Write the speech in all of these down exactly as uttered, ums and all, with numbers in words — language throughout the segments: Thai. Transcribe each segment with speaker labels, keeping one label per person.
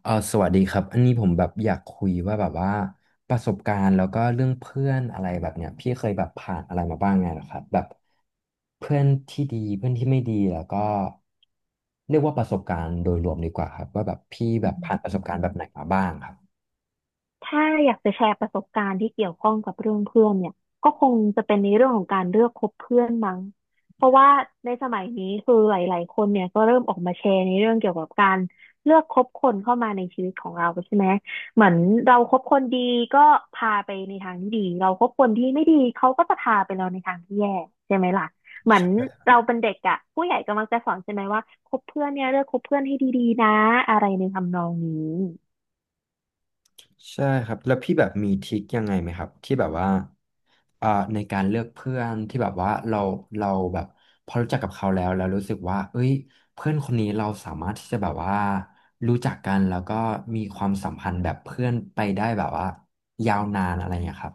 Speaker 1: เออสวัสดีครับอันนี้ผมแบบอยากคุยว่าแบบว่าประสบการณ์แล้วก็เรื่องเพื่อนอะไรแบบเนี้ยพี่เคยแบบผ่านอะไรมาบ้างไงเหรอครับแบบเพื่อนที่ดีเพื่อนที่ไม่ดีแล้วก็เรียกว่าประสบการณ์โดยรวมดีกว่าครับว่าแบบพี่
Speaker 2: อ
Speaker 1: แบบผ่านประส
Speaker 2: ืม
Speaker 1: บการณ์แบบไหนมาบ้างครับ
Speaker 2: ถ้าอยากจะแชร์ประสบการณ์ที่เกี่ยวข้องกับเรื่องเพื่อนเนี่ยก็คงจะเป็นในเรื่องของการเลือกคบเพื่อนมั้ง เพราะว่าในสมัยนี้คือหลายๆคนเนี่ยก็เริ่มออกมาแชร์ในเรื่องเกี่ยวกับการเลือกคบคนเข้ามาในชีวิตของเราใช่ไหมเหมือนเราคบคนดีก็พาไปในทางที่ดีเราคบคนที่ไม่ดีเขาก็จะพาไปเราในทางที่แย่ใช่ไหมล่ะ เหมือนเราเป็นเด็กอะผู้ใหญ่ก็มักจะสอนใช่ไหมว่าคบเพื่อนเนี่ยเลือกคบเพื่อนให้ดีๆนะอะไรในทำนองนี้
Speaker 1: ใช่ครับแล้วพี่แบบมีทริคยังไงไหมครับที่แบบว่าอ่าในการเลือกเพื่อนที่แบบว่าเราเราแบบพอรู้จักกับเขาแล้วแล้วรู้สึกว่าเอ้ยเพื่อนคนนี้เราสามารถที่จะแบบว่ารู้จักกันแล้วก็มีความสัมพันธ์แบบเพื่อนไปได้แบบว่ายาวนานอะไรอย่างเงี้ยครับ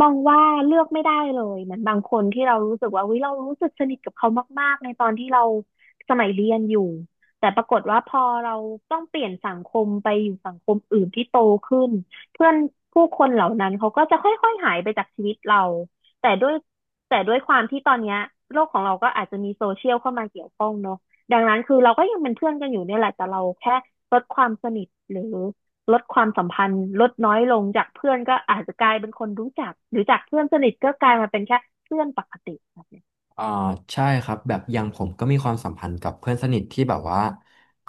Speaker 2: มองว่าเลือกไม่ได้เลยเหมือนบางคนที่เรารู้สึกว่าวิเรารู้สึกสนิทกับเขามากๆในตอนที่เราสมัยเรียนอยู่แต่ปรากฏว่าพอเราต้องเปลี่ยนสังคมไปอยู่สังคมอื่นที่โตขึ้นเพื่อนผู้คนเหล่านั้นเขาก็จะค่อยๆหายไปจากชีวิตเราแต่ด้วยแต่ด้วยความที่ตอนเนี้ยโลกของเราก็อาจจะมีโซเชียลเข้ามาเกี่ยวข้องเนอะดังนั้นคือเราก็ยังเป็นเพื่อนกันอยู่เนี่ยแหละแต่เราแค่ลดความสนิทหรือ ลดความสัมพันธ์ลดน้อยลงจากเพื่อนก็อาจจะกลายเป็นคนรู้จักหรือจากเพื่อนสนิทก็กลายมาเป็นแค่เพื่อนปกติครับเนี่ย
Speaker 1: อ่าใช่ครับแบบอย่างผมก็มีความสัมพันธ์กับเพื่อนสนิทที่แบบว่า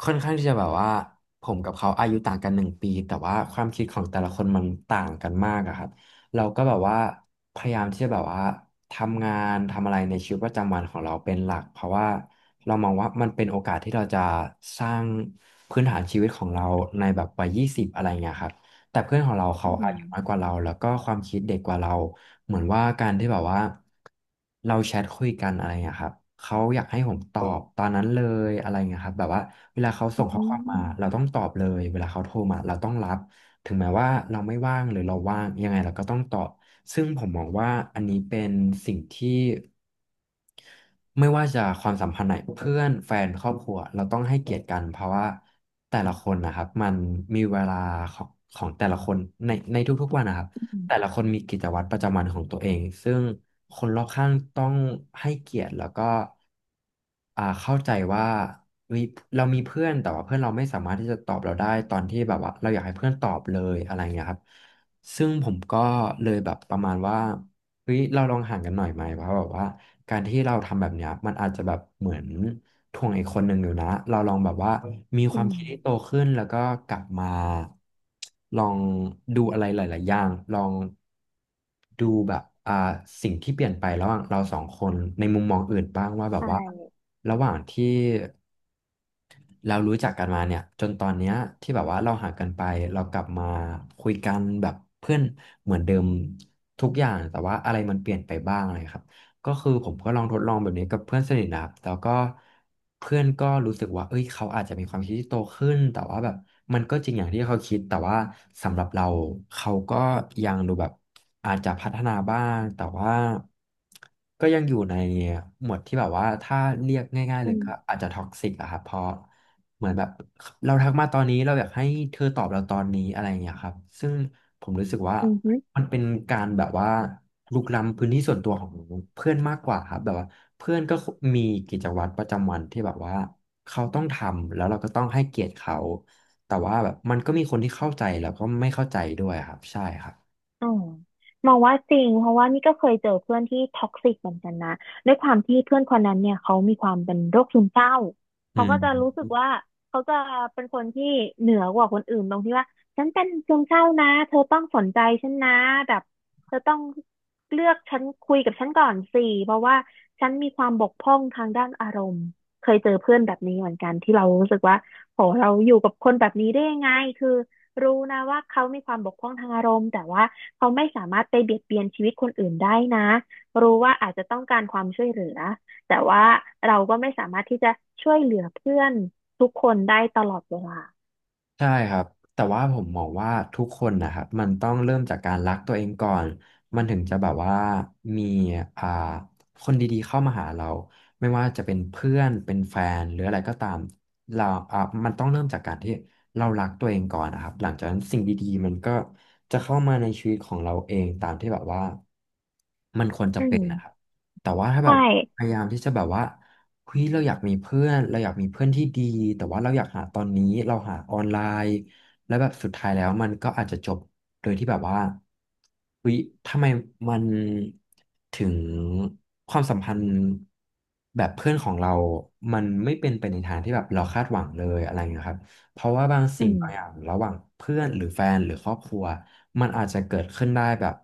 Speaker 1: ค่อนข้างที่จะแบบว่าผมกับเขาอายุต่างกันหนึ่งปีแต่ว่าความคิดของแต่ละคนมันต่างกันมากอะครับเราก็แบบว่าพยายามที่จะแบบว่าทำงานทำอะไรในชีวิตประจำวันของเราเป็นหลักเพราะว่าเรามองว่ามันเป็นโอกาสที่เราจะสร้างพื้นฐานชีวิตของเราในแบบวัยยี่สิบอะไรเงี้ยครับ แต่เพื่อนของเรา
Speaker 2: อื
Speaker 1: เขาอายุน้
Speaker 2: ม
Speaker 1: อยกว่าเราแล้วก็ความคิดเด็กกว่าเราเหมือนว่าการที่แบบว่าเราแชทคุยกันอะไรองี้ยครับเขาอยากให้ผมตอบตอนนั้นเลยอะไรเงี้ยครับแบบว่าเวลาเขา
Speaker 2: อื
Speaker 1: ส่งข้อความมาเรา
Speaker 2: ม
Speaker 1: ต้องตอบเลยเวลาเขาโทรมาเราต้องรับถึงแม้ว่าเราไม่ว่างหรือเราว่างยังไงเราก็ต้องตอบซึ่งผมมองว่าอันนี้เป็นสิ่งที่ ไม่ว่าจะความสัมพันธ์ไหนเพื่อนแฟนครอบครัวเราต้องให้เกียรติกันเพราะว่าแต่ละคนนะครับมันมีเวลาของของแต่ละคนในในทุกๆวันนะครับแต่ละคนมีกิจวัตรประจำวันของตัวเองซึ่งคนรอบข้างต้องให้เกียรติแล้วก็อ่าเข้าใจว่าเฮ้ยเรามีเพื่อนแต่ว่าเพื่อนเราไม่สามารถที่จะตอบเราได้ตอนที่แบบว่าเราอยากให้เพื่อนตอบเลยอะไรเงี้ยครับ ซึ่งผมก็เลยแบบประมาณว่าเฮ้ยเราลองห่างกันหน่อยไหมเพราะแบบว่าการที่เราทำแบบเนี้ยมันอาจจะแบบเหมือนถ่วงอีกคนหนึ่งอยู่นะเราลองแบบว่ามีค
Speaker 2: อื
Speaker 1: วามคิดที่โต
Speaker 2: ม
Speaker 1: ขึ้นแล้วก็กลับมาลองดูอะไรหลายๆอย่างลองดูแบบอ่าสิ่งที่เปลี่ยนไประหว่างเราสองคนในมุมมองอื่นบ้างว่าแบบว่า
Speaker 2: ใช่
Speaker 1: ระหว่างที่ เรารู้จักกันมาเนี่ยจนตอนเนี้ยที่แบบว่าเราห่างกันไปเรากลับมาคุยกันแบบเพื่อนเหมือนเดิมทุกอย่างแต่ว่าอะไรมันเปลี่ยนไปบ้างอะไรครับก็คือผมก็ลองทดลองแบบนี้กับเพื่อนสนิทนะครับแล้วก็เพื่อนก็รู้สึกว่าเอ้ยเขาอาจจะมีความคิดที่โตขึ้นแต่ว่าแบบมันก็จริงอย่างที่เขาคิดแต่ว่าสำหรับเราเขาก็ยังดูแบบอาจจะพัฒนาบ้างแต่ว่าก็ยังอยู่ในหมวดที่แบบว่าถ้าเรียกง่ายๆเล
Speaker 2: อื
Speaker 1: ย
Speaker 2: ม
Speaker 1: ก็อาจจะท็อกซิกอะครับเพราะ เหมือนแบบเราทักมาตอนนี้เราอยากให้เธอตอบเราตอนนี้อะไรอย่างเงี้ยครับซึ่งผมรู้สึกว่า
Speaker 2: อืม
Speaker 1: มันเป็นการแบบว่าลุกล้ำพื้นที่ส่วนตัวของเพื่อนมากกว่าครับแบบว่าเพื่อนก็มีกิจวัตรประจำวันที่แบบว่าเขาต้องทำแล้วเราก็ต้องให้เกียรติเขาแต่ว่าแบบมันก็มีคนที่เข้าใจแล้วก็ไม่เข้าใจด้วยครับใช่ครับ
Speaker 2: อืมมองว่าจริงเพราะว่านี่ก็เคยเจอเพื่อนที่ท็อกซิกเหมือนกันนะด้วยความที่เพื่อนคนนั้นเนี่ยเขามีความเป็นโรคซึมเศร้า
Speaker 1: อื
Speaker 2: เขาก็จะรู้สึ
Speaker 1: ม
Speaker 2: กว่าเขาจะเป็นคนที่เหนือกว่าคนอื่นตรงที่ว่าฉันเป็นซึมเศร้านะเธอต้องสนใจฉันนะแบบเธอต้องเลือกฉันคุยกับฉันก่อนสิเพราะว่าฉันมีความบกพร่องทางด้านอารมณ์เคยเจอเพื่อนแบบนี้เหมือนกันที่เรารู้สึกว่าโหเราอยู่กับคนแบบนี้ได้ยังไงคือ รู้นะว่าเขามีความบกพร่องทางอารมณ์แต่ว่าเขาไม่สามารถไปเบียดเบียนชีวิตคนอื่นได้นะรู้ว่าอาจจะต้องการความช่วยเหลือแต่ว่าเราก็ไม่สามารถที่จะช่วยเหลือเพื่อนทุกคนได้ตลอดเวลา
Speaker 1: ใช่ครับแต่ว่าผมมองว่าทุกคนนะครับมันต้องเริ่มจากการรักตัวเองก่อนมันถึงจะแบบว่ามีอ่าคนดีๆเข้ามาหาเราไม่ว่าจะเป็นเพื่อนเป็นแฟนหรืออะไรก็ตามเราอ่ามันต้องเริ่มจากการที่เรารักตัวเองก่อนนะครับหลังจากนั้นสิ่งดีๆมันก็จะเข้ามาในชีวิตของเราเองตามที่แบบว่ามันควรจะ
Speaker 2: อื
Speaker 1: เป็นนะครับ
Speaker 2: ม
Speaker 1: แต่ว่าถ้าแบ
Speaker 2: ใช่
Speaker 1: บพยายามที่จะแบบว่าเฮ้ยเราอยากมีเพื่อนเราอยากมีเพื่อนที่ดีแต่ว่าเราอยากหาตอนนี้เราหาออนไลน์แล้วแบบสุดท้ายแล้วมันก็อาจจะจบโดยที่แบบว่าเฮ้ยทำไมมันถึงความสัมพันธ์แบบเพื่อนของเรา มันไม่เป็นไปในทางที่แบบเราคาดหวังเลยอะไรอย่างเงี้ยครับเพราะว่าบาง
Speaker 2: อื
Speaker 1: สิ่งบางอย่า
Speaker 2: ม
Speaker 1: งระหว่างเพื่อนหรือแฟนหรือครอบครัวมันอาจจะเกิดขึ้นได้แบบ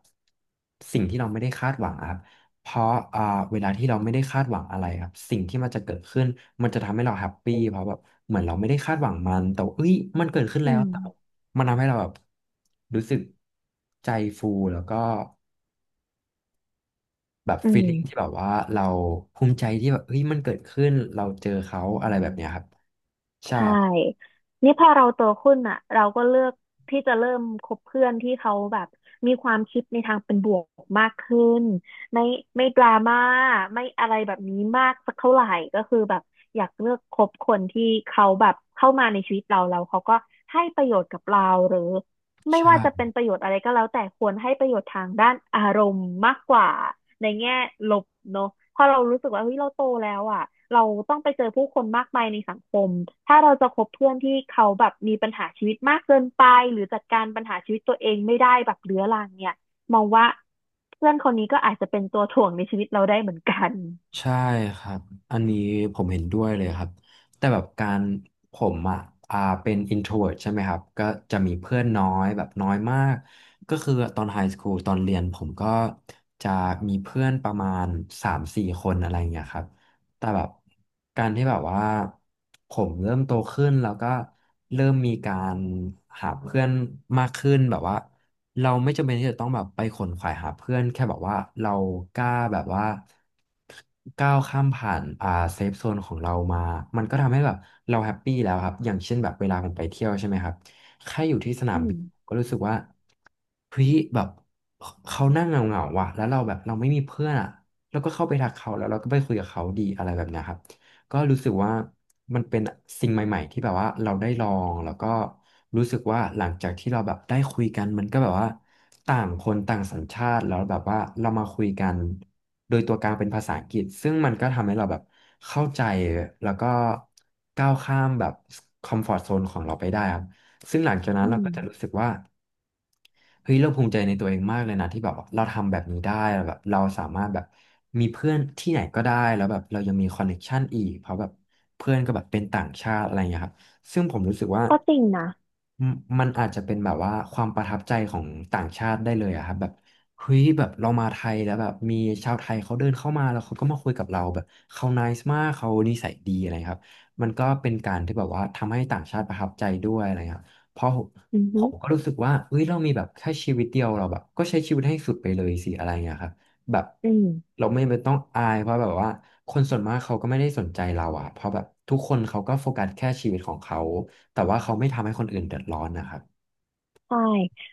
Speaker 1: สิ่งที่เราไม่ได้คาดหวังอะครับ เพราะอ่าเวลาที่เราไม่ได้คาดหวังอะไรครับสิ่งที่มันจะเกิดขึ้นมันจะทำให้เราแฮปปี้เพราะแบบเหมือนเราไม่ได้คาดหวังมันแต่ว่าเอ้ยมันเกิดขึ้น
Speaker 2: อื
Speaker 1: แล้ว
Speaker 2: ม
Speaker 1: แต่มันทำให้เราแบบรู้สึกใจฟูแล้วก็แบบ
Speaker 2: อื
Speaker 1: ฟีลลิ่งที่
Speaker 2: ม
Speaker 1: แบบว่าเราภูมิใจที่แบบเฮ้ยมันเกิดขึ้นเราเจอเขาอะไรแบบเนี้ยครับใช่
Speaker 2: ใช่ นี่พอเราโตขึ้นอ่ะเราก็เลือกที่จะเริ่มคบเพื่อนที่เขาแบบมีความคิดในทางเป็นบวกมากขึ้นไม่ไม่ดราม่าไม่อะไรแบบนี้มากสักเท่าไหร่ก็คือแบบอยากเลือกคบคนที่เขาแบบเข้ามาในชีวิตเราเราเขาก็ให้ประโยชน์กับเราหรือ ไม่
Speaker 1: ใช่
Speaker 2: ว่าจะเป็นประโยชน์อะไรก็แล้วแต่ควรให้ประโยชน์ทางด้านอารมณ์มากกว่าในแง่ลบเนอะเพราะเรารู้สึกว่าเฮ้ยเราโตแล้วอ่ะเราต้องไปเจอผู้คนมากมายในสังคมถ้าเราจะคบเพื่อนที่เขาแบบมีปัญหาชีวิตมากเกินไปหรือจัดการปัญหาชีวิตตัวเองไม่ได้แบบเรื้อรังเนี่ยมองว่าเพื่อนคนนี้ก็อาจจะเป็นตัวถ่วงในชีวิตเราได้เหมือนกัน
Speaker 1: ใช่ครับ อันนี้ผมเห็นด้วยเลยครับ แต่แบบการผมอ่ะอ่าเป็น อินโทรเวิร์ต ใช่ไหมครับ ก็จะมีเพื่อนน้อยแบบน้อยมาก ก็คือตอนไฮสคูลตอนเรียนผมก็จะมีเพื่อนประมาณสามสี่คนอะไรอย่างเงี้ยครับ แต่แบบการที่แบบว่าผมเริ่มโตขึ้นแล้วก็เริ่มมีการหาเพื่อนมากขึ้นแบบว่า เราไม่จำเป็นที่จะต้องแบบไปขนขวายหาเพื่อนแค่แบบว่าเรากล้าแบบว่าก้าวข้ามผ่านอ่าเซฟโซนของเรามามันก็ทำให้แบบเราแฮปปี้แล้วครับอย่างเช่นแบบเวลาผมไปเที่ยวใช่ไหมครับแค่อยู่ที่สนา
Speaker 2: อื
Speaker 1: มบิ
Speaker 2: ม
Speaker 1: นก็รู้สึกว่าเฮ้ยแบบเขานั่งเหงาๆว่ะแล้วเราแบบเราไม่มีเพื่อนอ่ะแล้วก็เข้าไปทักเขาแล้วเราก็ไปคุยกับเขาดีอะไรแบบเนี้ยครับ ก็รู้สึกว่ามันเป็นสิ่งใหม่ๆที่แบบว่าเราได้ลองแล้วก็รู้สึกว่าหลังจากที่เราแบบได้คุยกันมันก็แบบว่าต่างคนต่างสัญชาติแล้วแบบว่าเรามาคุยกันโดยตัวกลางเป็นภาษาอังกฤษซึ่งมันก็ทำให้เราแบบเข้าใจแล้วก็ก้าวข้ามแบบคอมฟอร์ตโซนของเราไปได้ครับซึ่งหลังจากนั้น
Speaker 2: อื
Speaker 1: เรา
Speaker 2: ม
Speaker 1: ก็จะรู้สึกว่า เฮ้ยเราภูมิใจในตัวเองมากเลยนะที่แบบว่าเราทำแบบนี้ได้แบบเราสามารถแบบมีเพื่อนที่ไหนก็ได้แล้วแบบเรายังมีคอนเนคชันอีกเพราะแบบเพื่อนก็แบบเป็นต่างชาติอะไรอย่างเงี้ยครับซึ่งผมรู้สึกว่า
Speaker 2: ก็จริงนะ
Speaker 1: มันมันอาจจะเป็นแบบว่าความประทับใจของต่างชาติได้เลยอะครับแบบเฮ้ยแบบเรามาไทยแล้วแบบมีชาวไทยเขาเดินเข้ามาแล้วเขาก็มาคุยกับเราแบบเขาไนซ์มากเขานิสัยดีอะไรครับมันก็เป็นการที่แบบว่าทำให้ต่างชาติประทับใจด้วยอะไรครับ เพราะผม
Speaker 2: อือ
Speaker 1: ผ
Speaker 2: ฮึ
Speaker 1: มก็รู้สึกว่าเฮ้ยเรามีแบบแค่ชีวิตเดียวเราแบบ ก็ใช้ชีวิตให้สุดไปเลยสิอะไรอย่างเงี้ยครับแบบ
Speaker 2: อืม
Speaker 1: เราไม่ไม่ต้องอายเพราะแบบว่าคนส่วนมากเขาก็ไม่ได้สนใจเราอะเพราะแบบทุกคนเขาก็โฟกัสแค่ชีวิตของเขา แต่ว่าเขาไม่ทำให้คนอื่นเดือดร้อนนะครับ
Speaker 2: ใช่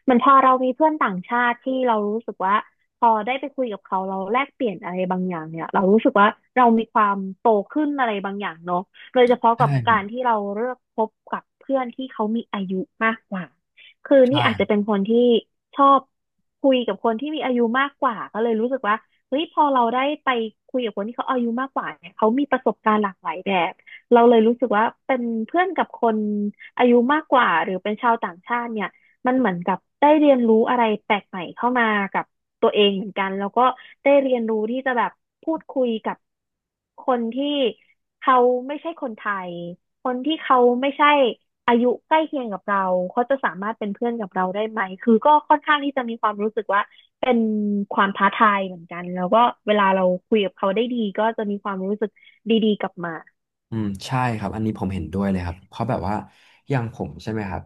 Speaker 2: เหมันพอเรามีเพื่อนต่างชาติที่เรารู้สึกว่าพอได้ไปคุยกับเขาเราแลกเปลี่ยนอะไรบางอย่างเนี่ยเรารู้สึกว่าเรามีความโตขึ้นอะไรบางอย่างเนาะโดยเฉพาะ
Speaker 1: ใช่
Speaker 2: กับการที่เราเลือกคบกับเพื่อนที่เขามีอายุมากกว่าคือ
Speaker 1: ใช่
Speaker 2: นี่อาจจะเป็นคนที่ชอบคุยกับคนที่มีอายุมากกว่าก็เลยรู้สึกว่าเฮ้ยพอเราได้ไปคุยกับคนที่เขาอายุมากกว่าเนี่ยเขามีประสบการณ์หลากหลายแบบเราเลยรู้สึกว่าเป็นเพื่อนกับคนอายุมากกว่าหรือเป็นชาวต่างชาติเนี่ย มันเหมือนกับได้เรียนรู้อะไรแปลกใหม่เข้ามากับตัวเองเหมือนกันแล้วก็ได้เรียนรู้ที่จะแบบพูดคุยกับคนที่เขาไม่ใช่คนไทยคนที่เขาไม่ใช่อายุใกล้เคียงกับเราเขาจะสามารถเป็นเพื่อนกับเราได้ไหมคือก็ค่อนข้างที่จะมีความรู้สึกว่าเป็นความท้าทายเหมือนกันแล้วก็เวลาเราคุยกับเขาได้ดีก็จะมีความรู้สึกดีๆกลับมา
Speaker 1: อืมใช่ครับอันนี้ผมเห็นด้วยเลยครับเพราะแบบว่าอย่างผมใช่ไหมครับ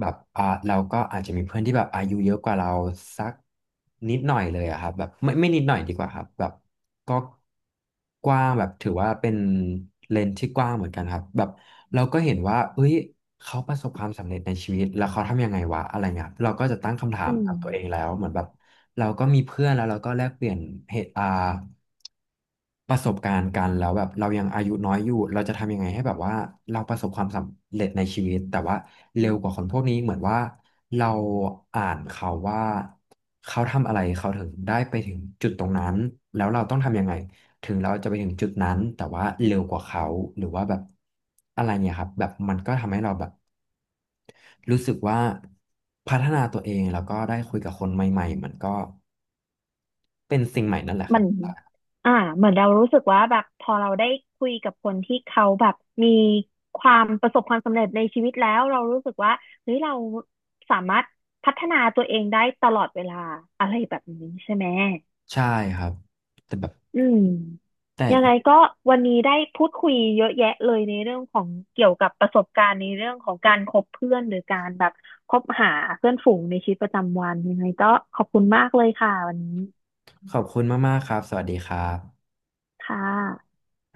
Speaker 1: แบบอ่าเราก็อาจจะมีเพื่อนที่แบบอายุเยอะกว่าเราสักนิดหน่อยเลยอะครับแบบไม่ไม่นิดหน่อยดีกว่าครับแบบก็กว้างแบบถือว่าเป็นเลนส์ที่กว้างเหมือนกันครับแบบเราก็เห็นว่าเอ้ยเขาประสบความสำเร็จในชีวิตแล้วเขาทำยังไงวะอะไรเงี้ยครับเราก็จะตั้งคำถา
Speaker 2: อื
Speaker 1: มกับตัวเอง
Speaker 2: ม
Speaker 1: แล้วเหมือนแบบเราก็มีเพื่อนแล้วเราก็แลกเปลี่ยนเหตุอ่า ประสบการณ์กันแล้วแบบเรายังอายุน้อยอยู่เราจะทำยังไงให้แบบว่าเราประสบความสำเร็จในชีวิตแต่ว่าเร็วกว่าคนพวกนี้เหมือนว่าเราอ่านเขาว่าเขาทำอะไรเขาถึงได้ไปถึงจุดตรงนั้นแล้วเราต้องทำยังไงถึงเราจะไปถึงจุดนั้นแต่ว่าเร็วกว่าเขาหรือว่าแบบอะไรเนี่ยครับแบบมันก็ทำให้เราแบบรู้สึกว่าพัฒนาตัวเองแล้วก็ได้คุยกับคนใหม่ๆมันก็เป็นสิ่งใหม่นั่นแหละค
Speaker 2: มั
Speaker 1: รับ
Speaker 2: นอ่าเหมือนเรารู้สึกว่าแบบพอเราได้คุยกับคนที่เขาแบบมีความประสบความสำเร็จในชีวิตแล้วเรารู้สึกว่าเฮ้ยเราสามารถพัฒนาตัวเองได้ตลอดเวลาอะไรแบบนี้ใช่ไหม
Speaker 1: ใช่ครับแต่แบบ
Speaker 2: อืม
Speaker 1: แต่
Speaker 2: ยังไงก็วันนี้ได้พูดคุยเยอะแยะเลยในเรื่องของเกี่ยวกับประสบการณ์ในเรื่องของการคบเพื่อนหรือการแบบคบหาเพื่อนฝูงในชีวิตประจำวันยังไงก็ขอบคุณมากเลยค่ะวันนี้
Speaker 1: ขอบคุณมากๆครับ สวัสดีครับ
Speaker 2: ค่ะ